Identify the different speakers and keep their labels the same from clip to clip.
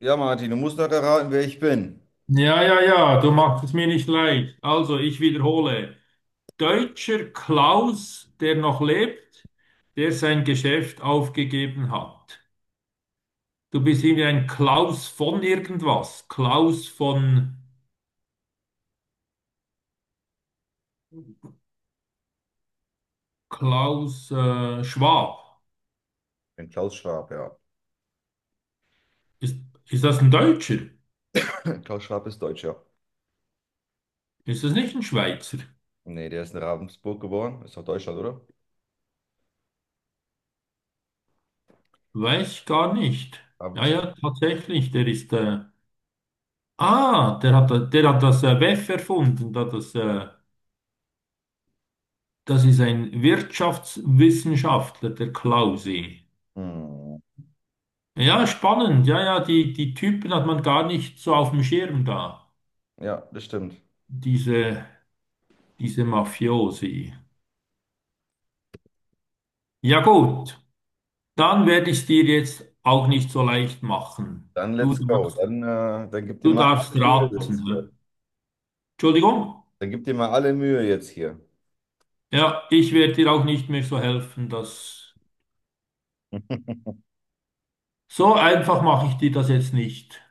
Speaker 1: Ja, Martin, du musst doch erraten, wer ich bin.
Speaker 2: Ja, ja, ja, du machst es mir nicht leicht. Also, ich wiederhole. Deutscher Klaus, der noch lebt, der sein Geschäft aufgegeben hat. Du bist irgendwie ein Klaus von irgendwas. Klaus von Klaus Schwab.
Speaker 1: Ich bin Klaus Schwab, ja.
Speaker 2: Ist, ist das ein Deutscher?
Speaker 1: Klaus Schwab ist Deutscher. Ja.
Speaker 2: Ist das nicht ein Schweizer?
Speaker 1: Nee, der ist in Ravensburg geboren. Ist doch Deutschland, oder?
Speaker 2: Weiß ich gar nicht. Ja,
Speaker 1: Ravensburg.
Speaker 2: ja, tatsächlich, der ist... der hat das WEF erfunden, da das. Ist ein Wirtschaftswissenschaftler, der Klause.
Speaker 1: Hm.
Speaker 2: Ja, spannend. Ja, ja, die Typen hat man gar nicht so auf dem Schirm da.
Speaker 1: Ja, das stimmt.
Speaker 2: Diese, diese Mafiosi. Ja, gut. Dann werde ich es dir jetzt auch nicht so leicht machen.
Speaker 1: Dann let's go. Dann, dann gib dir
Speaker 2: Du
Speaker 1: mal
Speaker 2: darfst
Speaker 1: alle Mühe
Speaker 2: raten.
Speaker 1: jetzt hier.
Speaker 2: Hä? Entschuldigung?
Speaker 1: Dann gib dir mal alle Mühe jetzt hier.
Speaker 2: Ja, ich werde dir auch nicht mehr so helfen. Das, so einfach mache ich dir das jetzt nicht.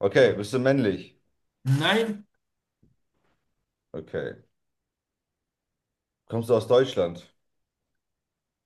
Speaker 1: Okay, bist du männlich?
Speaker 2: Nein,
Speaker 1: Okay. Kommst du aus Deutschland?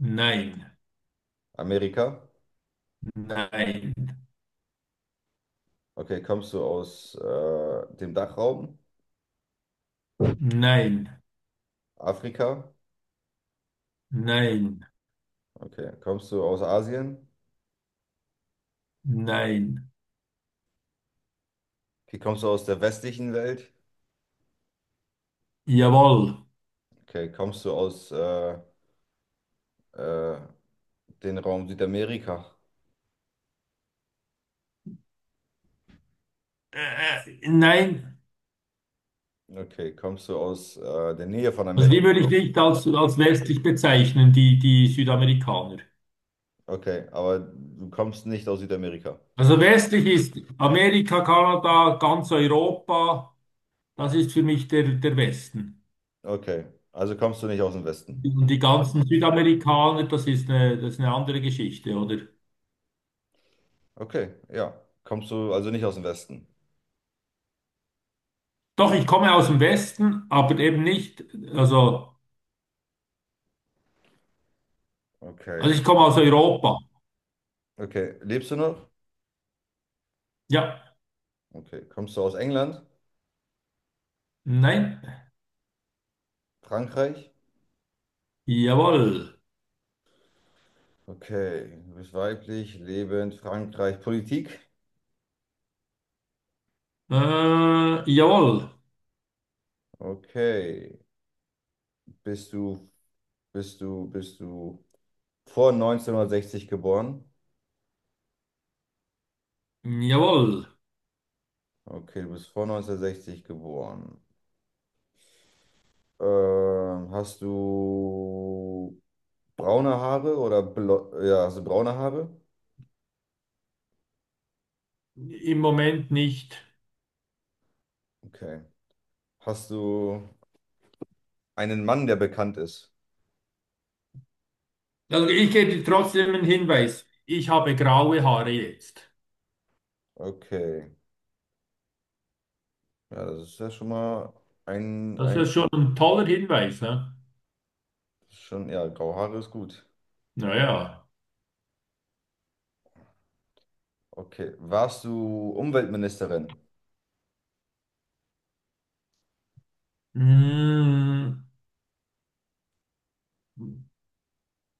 Speaker 2: nein,
Speaker 1: Amerika?
Speaker 2: nein,
Speaker 1: Okay, kommst du aus dem Dachraum?
Speaker 2: nein,
Speaker 1: Afrika?
Speaker 2: nein.
Speaker 1: Okay. Kommst du aus Asien?
Speaker 2: Nein.
Speaker 1: Okay, kommst du aus der westlichen Welt?
Speaker 2: Jawohl.
Speaker 1: Okay, kommst du aus äh, den Raum Südamerika?
Speaker 2: Nein.
Speaker 1: Okay, kommst du aus der Nähe von
Speaker 2: Also die
Speaker 1: Amerika?
Speaker 2: würde ich nicht als westlich bezeichnen, die Südamerikaner.
Speaker 1: Okay, aber du kommst nicht aus Südamerika.
Speaker 2: Also westlich ist Amerika, Kanada, ganz Europa, das ist für mich der Westen.
Speaker 1: Okay, also kommst du nicht aus dem Westen.
Speaker 2: Und die ganzen Südamerikaner, das ist das ist eine andere Geschichte, oder?
Speaker 1: Okay, ja. Kommst du also nicht aus dem Westen?
Speaker 2: Doch, ich komme aus dem Westen, aber eben nicht, also,
Speaker 1: Okay,
Speaker 2: also ich komme aus Europa.
Speaker 1: okay. Lebst du noch?
Speaker 2: Ja,
Speaker 1: Okay, kommst du aus England?
Speaker 2: nein,
Speaker 1: Frankreich?
Speaker 2: jawohl,
Speaker 1: Okay, du bist weiblich, lebend, Frankreich, Politik?
Speaker 2: jawohl,
Speaker 1: Okay, bist du, bist du vor neunzehnhundertsechzig geboren?
Speaker 2: jawohl.
Speaker 1: Okay, du bist vor 1960 geboren. Hast du braune Haare oder blo ja, hast du braune Haare?
Speaker 2: Im Moment nicht.
Speaker 1: Okay. Hast du einen Mann, der bekannt ist?
Speaker 2: Also ich gebe dir trotzdem einen Hinweis. Ich habe graue Haare jetzt.
Speaker 1: Okay. Ja, das ist ja schon mal ein,
Speaker 2: Das
Speaker 1: ein
Speaker 2: ist schon ein toller Hinweis, ne?
Speaker 1: schon, ja, graue Haare ist gut.
Speaker 2: Naja.
Speaker 1: Okay. Warst du Umweltministerin?
Speaker 2: Mm,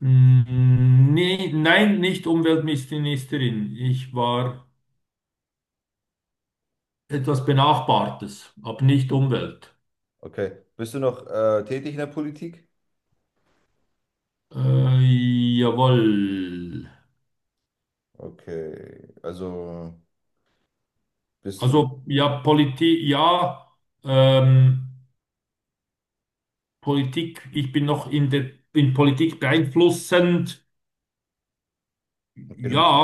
Speaker 2: nein, nicht Umweltministerin. Ich war etwas Benachbartes, aber nicht Umwelt.
Speaker 1: Okay. Bist du noch tätig in der Politik?
Speaker 2: Äh, jawohl.
Speaker 1: Okay. Also bist du,
Speaker 2: Also ja, ähm, Politik, ich bin noch in Politik beeinflussend.
Speaker 1: okay, du
Speaker 2: Ja,
Speaker 1: bist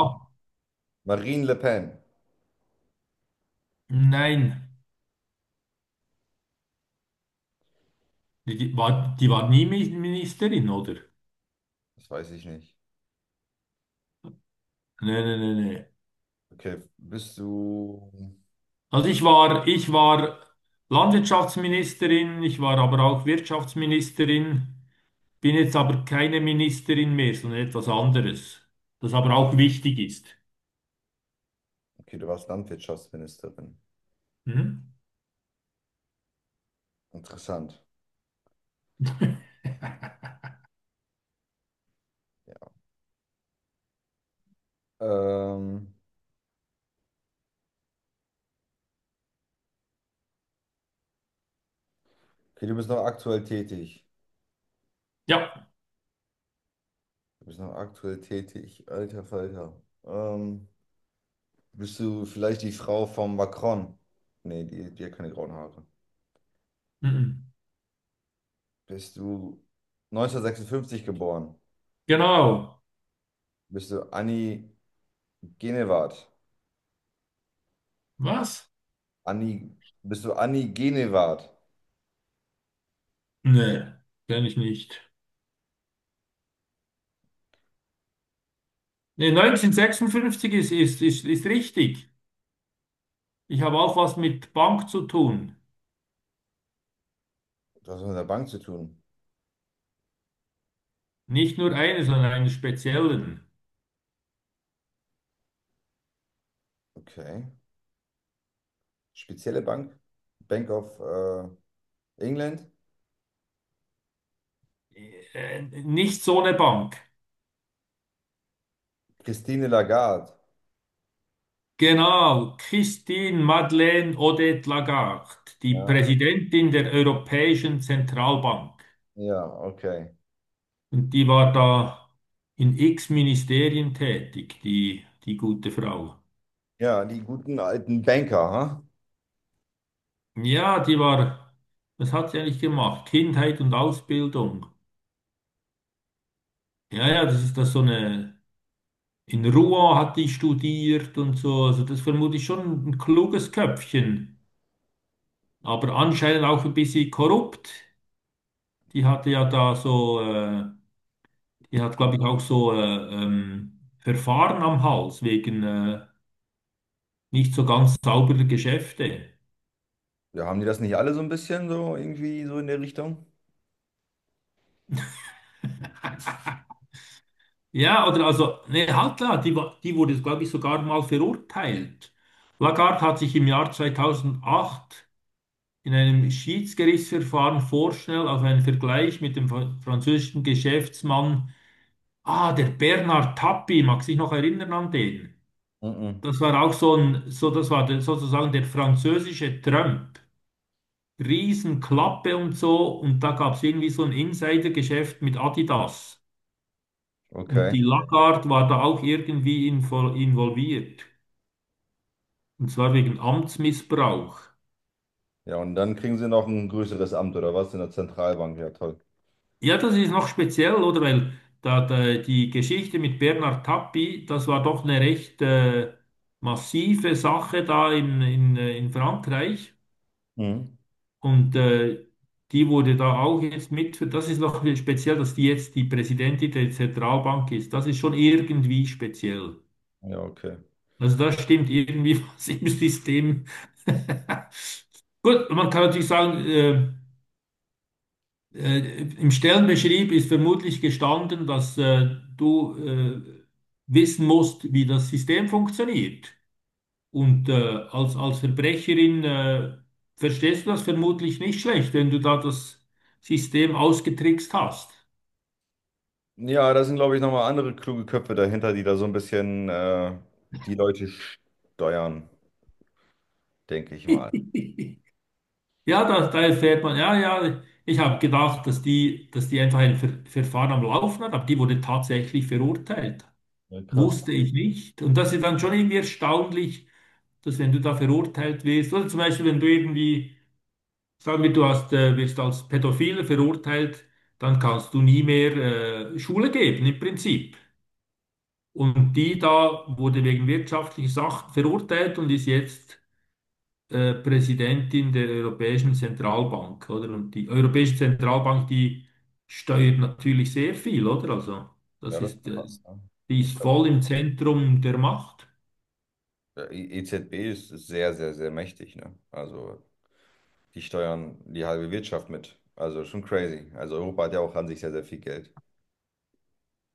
Speaker 1: Marine Le Pen.
Speaker 2: nein. Die war nie Ministerin, oder?
Speaker 1: Das weiß ich nicht.
Speaker 2: Nee, nee, nee, nee.
Speaker 1: Okay, bist du.
Speaker 2: Ich war Landwirtschaftsministerin, ich war aber auch Wirtschaftsministerin, bin jetzt aber keine Ministerin mehr, sondern etwas anderes, das aber auch wichtig ist.
Speaker 1: Okay, du warst Landwirtschaftsministerin.
Speaker 2: Hm?
Speaker 1: Interessant. Ja. Ähm, okay, du bist noch aktuell tätig.
Speaker 2: Ja,
Speaker 1: Du bist noch aktuell tätig. Alter Falter. Ähm, bist du vielleicht die Frau von Macron? Nee, die hat keine grauen Haare.
Speaker 2: mhm.
Speaker 1: Bist du 1956 geboren?
Speaker 2: Genau.
Speaker 1: Bist du Annie Genevard?
Speaker 2: Was?
Speaker 1: Annie, bist du Annie Genevard?
Speaker 2: Nee, kenne ich nicht. Nee, 1956 ist richtig. Ich habe auch was mit Bank zu tun.
Speaker 1: Du hast was mit der Bank zu tun.
Speaker 2: Nicht nur eine, sondern einen speziellen.
Speaker 1: Okay. Spezielle Bank? Bank of England?
Speaker 2: Nicht so eine Bank.
Speaker 1: Christine Lagarde.
Speaker 2: Genau, Christine Madeleine Odette Lagarde, die
Speaker 1: Ja,
Speaker 2: Präsidentin der Europäischen Zentralbank.
Speaker 1: ja, okay.
Speaker 2: Und die war da in x Ministerien tätig, die gute Frau.
Speaker 1: Ja, die guten alten Banker, ha?
Speaker 2: Ja, die war, was hat sie eigentlich gemacht? Kindheit und Ausbildung. Ja, ja, das ist das so eine, in Rouen hat die studiert und so. Also das vermute ich schon ein kluges Köpfchen, aber anscheinend auch ein bisschen korrupt. Die hatte ja da so, die hat, glaube ich, auch so Verfahren am Hals wegen nicht so ganz sauberer Geschäfte.
Speaker 1: Ja, haben die das nicht alle so ein bisschen so irgendwie so in der Richtung?
Speaker 2: Ja, oder also, nee, halt klar, die wurde, glaube ich, sogar mal verurteilt. Lagarde hat sich im Jahr 2008 in einem Schiedsgerichtsverfahren vorschnell auf einen Vergleich mit dem französischen Geschäftsmann, ah, der Bernard Tapie, mag sich noch erinnern an den?
Speaker 1: Mhm.
Speaker 2: Das war auch so ein, so, das war der, sozusagen der französische Trump. Riesenklappe und so. Und da gab es irgendwie so ein Insidergeschäft mit Adidas. Und
Speaker 1: Okay.
Speaker 2: die Lagarde war da auch irgendwie involviert. Und zwar wegen Amtsmissbrauch.
Speaker 1: Ja, und dann kriegen sie noch ein größeres Amt oder was in der Zentralbank. Ja, toll.
Speaker 2: Ja, das ist noch speziell, oder? Weil die Geschichte mit Bernhard Tapie, das war doch eine recht massive Sache da in Frankreich.
Speaker 1: Mhm.
Speaker 2: Und die wurde da auch jetzt mit, das ist noch speziell, dass die jetzt die Präsidentin der Zentralbank ist. Das ist schon irgendwie speziell.
Speaker 1: Ja, okay.
Speaker 2: Also da stimmt irgendwie was im System. Gut, man kann natürlich sagen, im Stellenbeschrieb ist vermutlich gestanden, dass du wissen musst, wie das System funktioniert. Und als Verbrecherin verstehst du das vermutlich nicht schlecht, wenn du da das System ausgetrickst hast.
Speaker 1: Ja, da sind, glaube ich, nochmal andere kluge Köpfe dahinter, die da so ein bisschen die Leute steuern, denke ich mal.
Speaker 2: Ja, da erfährt man, ja, ja, ich habe gedacht, dass die einfach ein Verfahren am Laufen hat, aber die wurde tatsächlich verurteilt.
Speaker 1: Ja, krass.
Speaker 2: Wusste ich nicht. Und das ist dann schon irgendwie erstaunlich, dass wenn du da verurteilt wirst, oder zum Beispiel, wenn du irgendwie, sagen wir, du hast, wirst als Pädophile verurteilt, dann kannst du nie mehr Schule geben, im Prinzip. Und die da wurde wegen wirtschaftlicher Sachen verurteilt und ist jetzt Präsidentin der Europäischen Zentralbank, oder? Und die Europäische Zentralbank, die steuert natürlich sehr viel, oder? Also,
Speaker 1: Ja,
Speaker 2: das
Speaker 1: das ist
Speaker 2: ist,
Speaker 1: krass. Ne?
Speaker 2: die
Speaker 1: Ich
Speaker 2: ist
Speaker 1: glaube, auch,
Speaker 2: voll im Zentrum der Macht.
Speaker 1: der EZB ist, ist sehr, sehr, sehr mächtig. Ne? Also die steuern die halbe Wirtschaft mit. Also schon crazy. Also Europa hat ja auch an sich sehr, sehr viel Geld.